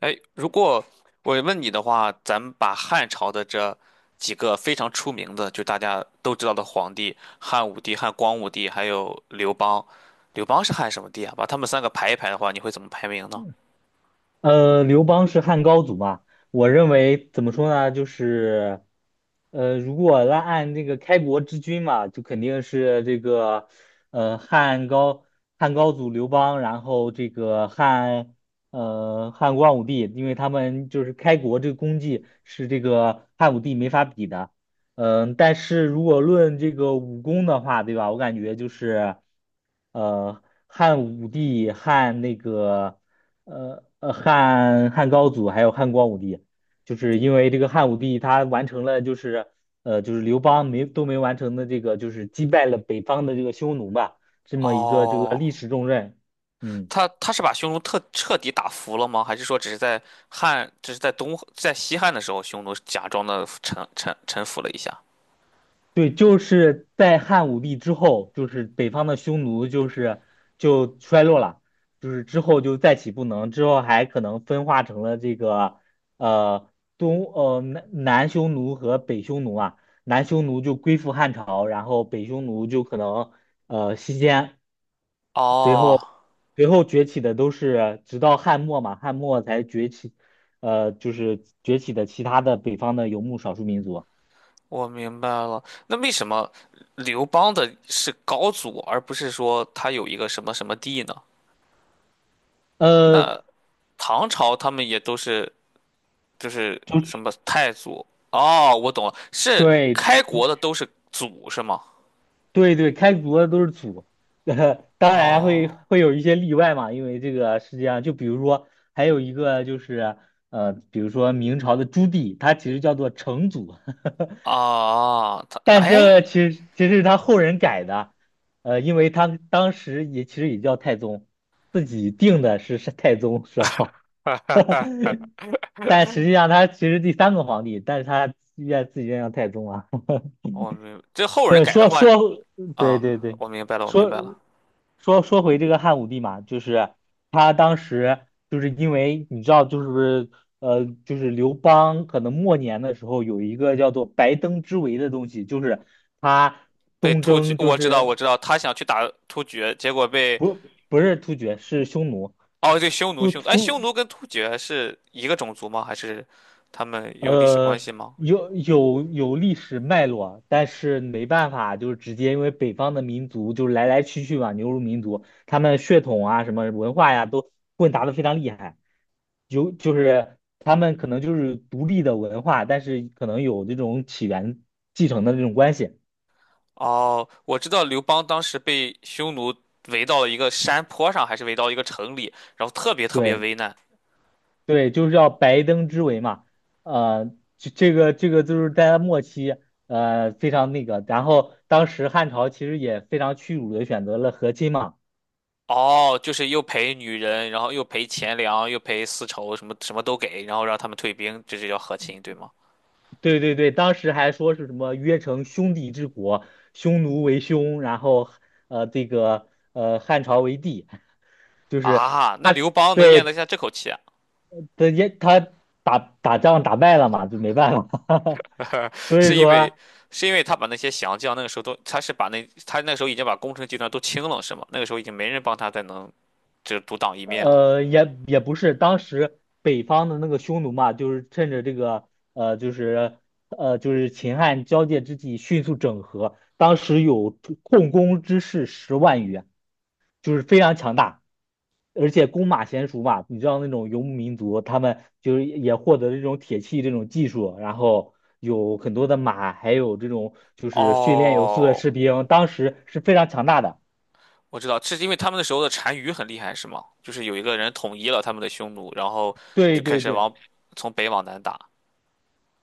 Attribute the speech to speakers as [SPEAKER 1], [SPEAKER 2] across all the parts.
[SPEAKER 1] 哎，如果我问你的话，咱们把汉朝的这几个非常出名的，就大家都知道的皇帝，汉武帝、汉光武帝，还有刘邦。刘邦是汉什么帝啊？把他们三个排一排的话，你会怎么排名呢？
[SPEAKER 2] 刘邦是汉高祖嘛？我认为怎么说呢，就是，如果按这个开国之君嘛，就肯定是这个，呃，汉高汉高祖刘邦，然后这个汉光武帝，因为他们就是开国这个功绩是这个汉武帝没法比的。嗯，但是如果论这个武功的话，对吧？我感觉就是，呃，汉武帝汉那个。汉高祖还有汉光武帝，就是因为这个汉武帝他完成了刘邦没完成的这个就是击败了北方的这个匈奴吧，这么一个这个
[SPEAKER 1] 哦，
[SPEAKER 2] 历史重任。嗯。
[SPEAKER 1] 他是把匈奴特彻底打服了吗？还是说只是在汉，只是在东在西汉的时候，匈奴假装的臣服了一下？
[SPEAKER 2] 对，就是在汉武帝之后，就是北方的匈奴就衰落了，就是之后就再起不能，之后还可能分化成了这个呃东呃南南匈奴和北匈奴啊。南匈奴就归附汉朝，然后北匈奴就可能西迁，随后
[SPEAKER 1] 哦，
[SPEAKER 2] 崛起的都是直到汉末嘛，汉末才崛起，就是崛起的其他的北方的游牧少数民族。
[SPEAKER 1] 我明白了。那为什么刘邦的是高祖，而不是说他有一个什么什么帝呢？
[SPEAKER 2] 呃，
[SPEAKER 1] 那唐朝他们也都是就是什么太祖？哦，我懂了，是
[SPEAKER 2] 对，
[SPEAKER 1] 开国的都是祖是吗？
[SPEAKER 2] 对对，开国的都是祖。当然会
[SPEAKER 1] 哦
[SPEAKER 2] 会有一些例外嘛，因为这个世界上，就比如说还有一个就是，比如说明朝的朱棣，他其实叫做成祖。
[SPEAKER 1] 啊，他
[SPEAKER 2] 但这
[SPEAKER 1] 哎，
[SPEAKER 2] 个其实是他后人改的。因为他当时也其实也叫太宗，自己定的是太宗是吧？但实际上他其实第三个皇帝，但是他愿自己愿叫太宗啊。
[SPEAKER 1] 这后人
[SPEAKER 2] 对，
[SPEAKER 1] 改的话
[SPEAKER 2] 对
[SPEAKER 1] 啊，
[SPEAKER 2] 对对。
[SPEAKER 1] 我明白了，我明
[SPEAKER 2] 说
[SPEAKER 1] 白了。
[SPEAKER 2] 说回这个汉武帝嘛，就是他当时就是因为你知道，就是刘邦可能末年的时候有一个叫做白登之围的东西，就是他
[SPEAKER 1] 被
[SPEAKER 2] 东
[SPEAKER 1] 突厥，
[SPEAKER 2] 征，就
[SPEAKER 1] 我知道，我
[SPEAKER 2] 是
[SPEAKER 1] 知道，他想去打突厥，结果被
[SPEAKER 2] 不是突厥，是匈奴。
[SPEAKER 1] 哦，对，匈奴，
[SPEAKER 2] 突
[SPEAKER 1] 匈奴，哎，
[SPEAKER 2] 突
[SPEAKER 1] 匈奴跟突厥是一个种族吗？还是他们有历史关
[SPEAKER 2] 呃，
[SPEAKER 1] 系吗？
[SPEAKER 2] 有历史脉络，但是没办法，就是直接因为北方的民族就是来来去去嘛，牛乳民族，他们血统啊什么文化呀都混杂的非常厉害，有就是他们可能就是独立的文化，但是可能有这种起源继承的这种关系。
[SPEAKER 1] 哦，我知道刘邦当时被匈奴围到了一个山坡上，还是围到一个城里，然后特别特别
[SPEAKER 2] 对
[SPEAKER 1] 危难。
[SPEAKER 2] 对，就是要白登之围嘛。呃，这个就是在末期。非常那个，然后当时汉朝其实也非常屈辱的选择了和亲嘛。
[SPEAKER 1] 哦，就是又赔女人，然后又赔钱粮，又赔丝绸，什么什么都给，然后让他们退兵，这就叫和亲，对吗？
[SPEAKER 2] 对对对，当时还说是什么约成兄弟之国，匈奴为兄，然后汉朝为帝。就是
[SPEAKER 1] 啊，那
[SPEAKER 2] 他
[SPEAKER 1] 刘邦能咽得
[SPEAKER 2] 对
[SPEAKER 1] 下这口气啊，
[SPEAKER 2] 他也他打仗打败了嘛，就没办法。所以
[SPEAKER 1] 是因为
[SPEAKER 2] 说
[SPEAKER 1] 是因为他把那些降将那个时候都，他是把那他那个时候已经把攻城集团都清了，是吗？那个时候已经没人帮他再能。就独当一面了。
[SPEAKER 2] 也不是当时北方的那个匈奴嘛，就是趁着这个呃就是秦汉交界之际迅速整合，当时有控工之士10万余。就是非常强大，而且弓马娴熟嘛，你知道那种游牧民族，他们就是也获得了这种铁器这种技术，然后有很多的马，还有这种就是训练有素的
[SPEAKER 1] 哦，
[SPEAKER 2] 士兵，当时是非常强大的。
[SPEAKER 1] 我知道，这是因为他们那时候的单于很厉害，是吗？就是有一个人统一了他们的匈奴，然后
[SPEAKER 2] 对
[SPEAKER 1] 就开
[SPEAKER 2] 对
[SPEAKER 1] 始
[SPEAKER 2] 对。
[SPEAKER 1] 往从北往南打。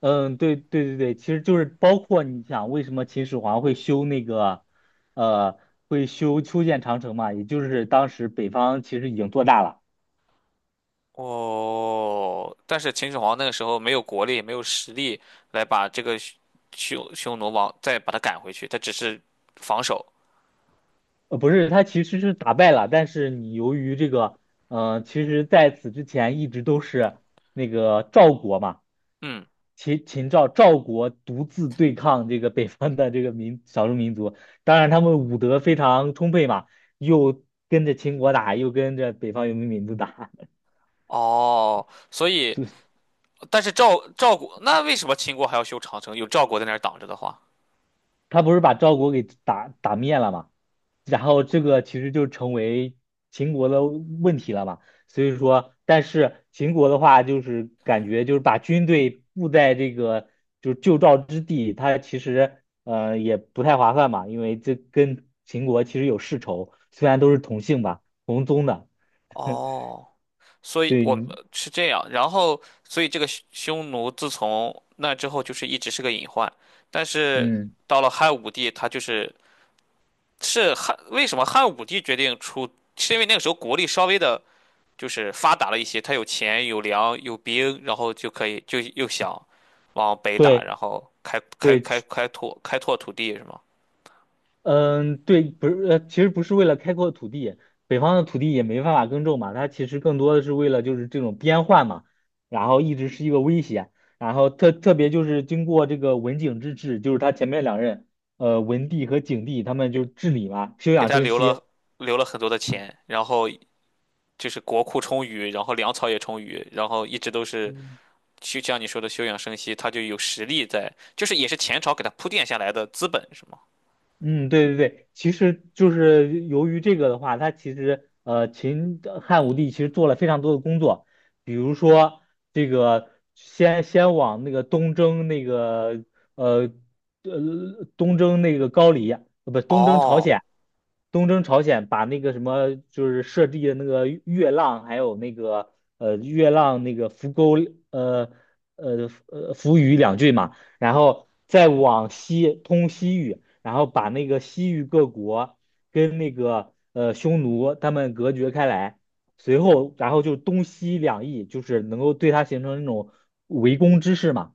[SPEAKER 2] 嗯，对对对对，其实就是包括你想为什么秦始皇会修那个，呃，会修建长城嘛，也就是当时北方其实已经做大了。
[SPEAKER 1] 哦，但是秦始皇那个时候没有国力，没有实力来把这个匈奴往再把他赶回去，他只是防守。
[SPEAKER 2] 不是，他其实是打败了，但是你由于这个，其实在此之前一直都是那个赵国嘛。
[SPEAKER 1] 嗯，
[SPEAKER 2] 秦秦赵赵国独自对抗这个北方的这个少数民族，当然他们武德非常充沛嘛，又跟着秦国打，又跟着北方游牧民族打。
[SPEAKER 1] 哦，所以 但是赵国那为什么秦国还要修长城？有赵国在那儿挡着的话，
[SPEAKER 2] 他不是把赵国给打灭了嘛，然后这个其实就成为秦国的问题了嘛。所以说，但是秦国的话，就是感觉就是把军队布在这个就是旧赵之地，它其实也不太划算嘛，因为这跟秦国其实有世仇，虽然都是同姓吧，同宗的。
[SPEAKER 1] 哦。所以
[SPEAKER 2] 对，
[SPEAKER 1] 我是这样，然后所以这个匈奴自从那之后就是一直是个隐患，但是
[SPEAKER 2] 嗯，
[SPEAKER 1] 到了汉武帝，他就是是汉，为什么汉武帝决定出，是因为那个时候国力稍微的就是发达了一些，他有钱有粮有兵，然后就可以就又想往北打，
[SPEAKER 2] 对
[SPEAKER 1] 然后开开
[SPEAKER 2] 对，
[SPEAKER 1] 开开拓开拓土地是吗？
[SPEAKER 2] 嗯，对，不是，其实不是为了开阔土地，北方的土地也没办法耕种嘛，它其实更多的是为了就是这种边患嘛，然后一直是一个威胁，然后特别就是经过这个文景之治，就是他前面两任，文帝和景帝他们就治理嘛，休
[SPEAKER 1] 给
[SPEAKER 2] 养
[SPEAKER 1] 他
[SPEAKER 2] 生
[SPEAKER 1] 留
[SPEAKER 2] 息。
[SPEAKER 1] 了很多的钱，然后就是国库充裕，然后粮草也充裕，然后一直都是。
[SPEAKER 2] 嗯
[SPEAKER 1] 就像你说的休养生息，他就有实力在，就是也是前朝给他铺垫下来的资本，是吗？
[SPEAKER 2] 嗯，对对对，其实就是由于这个的话，他其实秦汉武帝其实做了非常多的工作，比如说这个先往那个东征那个呃东征那个高丽，不东征朝
[SPEAKER 1] 哦
[SPEAKER 2] 鲜。东征朝鲜把那个什么就是设计的那个月浪，还有那个月浪那个浮沟呃扶余两郡嘛。然后再往西通西域，然后把那个西域各国跟那个匈奴他们隔绝开来，随后然后就东西两翼，就是能够对它形成那种围攻之势嘛。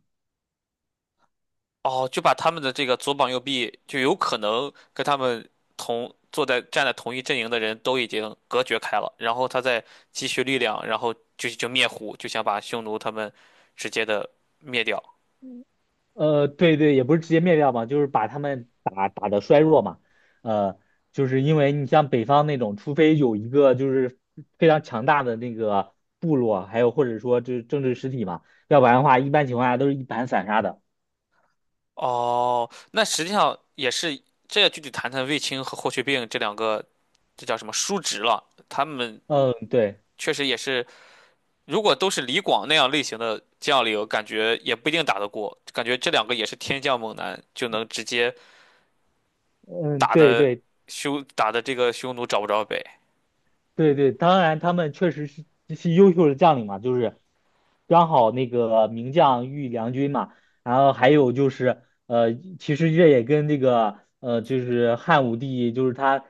[SPEAKER 1] 哦，就把他们的这个左膀右臂，就有可能跟他们同坐在站在同一阵营的人都已经隔绝开了，然后他再积蓄力量，然后就灭胡，就想把匈奴他们直接的灭掉。
[SPEAKER 2] 对对，也不是直接灭掉嘛，就是把他们打的衰弱嘛。呃，就是因为你像北方那种，除非有一个就是非常强大的那个部落，还有或者说就是政治实体嘛，要不然的话，一般情况下都是一盘散沙的。
[SPEAKER 1] 哦，那实际上也是，这要具体谈谈卫青和霍去病这两个，这叫什么叔侄了？他们
[SPEAKER 2] 嗯，对，
[SPEAKER 1] 确实也是。如果都是李广那样类型的将领，感觉也不一定打得过。感觉这两个也是天降猛男，就能直接
[SPEAKER 2] 嗯，
[SPEAKER 1] 打
[SPEAKER 2] 对
[SPEAKER 1] 的
[SPEAKER 2] 对，
[SPEAKER 1] 打的这个匈奴找不着北。
[SPEAKER 2] 对对，当然他们确实是这些优秀的将领嘛，就是刚好那个名将遇良军嘛，然后还有就是其实这也跟这个就是汉武帝就是他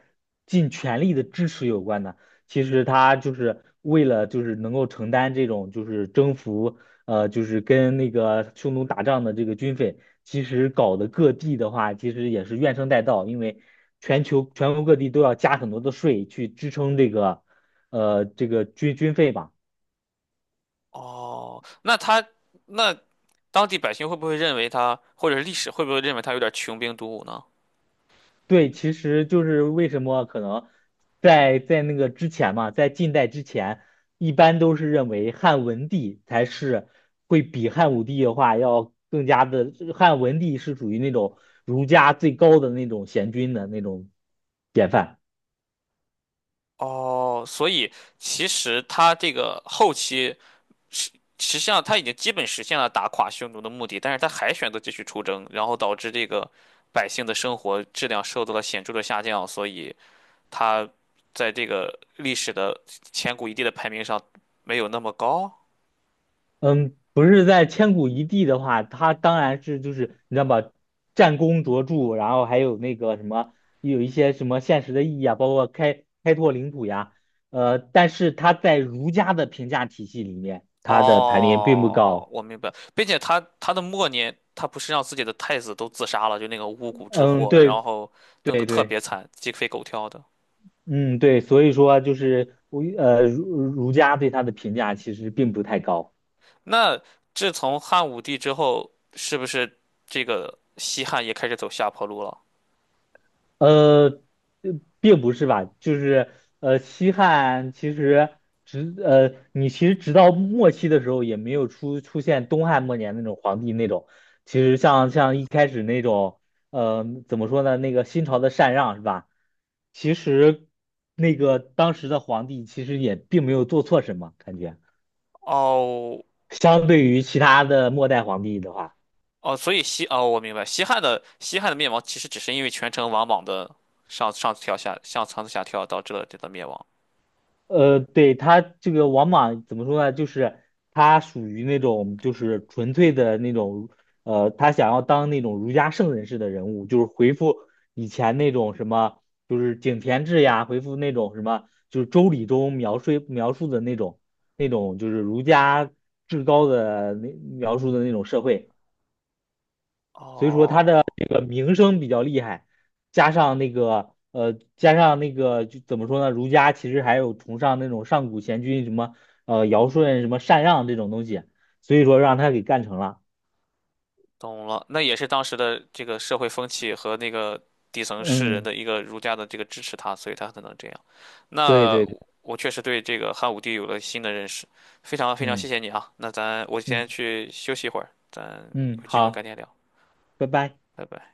[SPEAKER 2] 尽全力的支持有关的。其实他就是为了就是能够承担这种就是征服就是跟那个匈奴打仗的这个军费，其实搞得各地的话，其实也是怨声载道，因为全球全国各地都要加很多的税去支撑这个，这个军费嘛。
[SPEAKER 1] 哦，那他那当地百姓会不会认为他，或者是历史会不会认为他有点穷兵黩武呢？
[SPEAKER 2] 对，其实就是为什么可能在那个之前嘛，在近代之前，一般都是认为汉文帝才是会比汉武帝的话要更加的，汉文帝是属于那种儒家最高的那种贤君的那种典范。
[SPEAKER 1] 哦，所以其实他这个后期实实际上他已经基本实现了打垮匈奴的目的，但是他还选择继续出征，然后导致这个百姓的生活质量受到了显著的下降，所以他在这个历史的千古一帝的排名上没有那么高。
[SPEAKER 2] 嗯，不是在千古一帝的话，他当然是就是你知道吧，战功卓著，然后还有那个什么，有一些什么现实的意义啊，包括开拓领土呀，但是他在儒家的评价体系里面，他的排名并不
[SPEAKER 1] 哦，
[SPEAKER 2] 高。
[SPEAKER 1] 我明白，并且他的末年，他不是让自己的太子都自杀了，就那个巫蛊之
[SPEAKER 2] 嗯，
[SPEAKER 1] 祸，然
[SPEAKER 2] 对
[SPEAKER 1] 后弄得
[SPEAKER 2] 对
[SPEAKER 1] 特
[SPEAKER 2] 对。
[SPEAKER 1] 别惨，鸡飞狗跳的。
[SPEAKER 2] 嗯，对，所以说就是我儒家对他的评价其实并不太高。
[SPEAKER 1] 那自从汉武帝之后，是不是这个西汉也开始走下坡路了？
[SPEAKER 2] 呃，呃并不是吧，就是西汉其实你其实直到末期的时候也没有出现东汉末年那种皇帝那种，其实像一开始那种，怎么说呢，那个新朝的禅让是吧？其实那个当时的皇帝其实也并没有做错什么，感觉
[SPEAKER 1] 哦
[SPEAKER 2] 相对于其他的末代皇帝的话。
[SPEAKER 1] 哦，所以哦，我明白，西汉的灭亡其实只是因为权臣王莽的上上跳下上上下跳导致了这个灭亡。
[SPEAKER 2] 对，他这个王莽怎么说呢？就是他属于那种就是纯粹的那种，他想要当那种儒家圣人式的人物，就是回复以前那种什么，就是井田制呀，回复那种什么，就是周礼中描述的那种就是儒家至高的那描述的那种社会。
[SPEAKER 1] 哦，
[SPEAKER 2] 个名声比较厉害，加上那个加上那个就怎么说呢？儒家其实还有崇尚那种上古贤君什么尧舜什么禅让这种东西，所以说让他给干成了。
[SPEAKER 1] 懂了，那也是当时的这个社会风气和那个底层士人
[SPEAKER 2] 嗯，
[SPEAKER 1] 的一个儒家的这个支持他，所以他才能这样。
[SPEAKER 2] 对
[SPEAKER 1] 那
[SPEAKER 2] 对对，
[SPEAKER 1] 我确实对这个汉武帝有了新的认识，非常非常
[SPEAKER 2] 嗯
[SPEAKER 1] 谢谢你啊。那咱我先
[SPEAKER 2] 嗯
[SPEAKER 1] 去休息一会儿，咱
[SPEAKER 2] 嗯，
[SPEAKER 1] 有机会改
[SPEAKER 2] 好，
[SPEAKER 1] 天聊，
[SPEAKER 2] 拜拜。
[SPEAKER 1] 拜拜。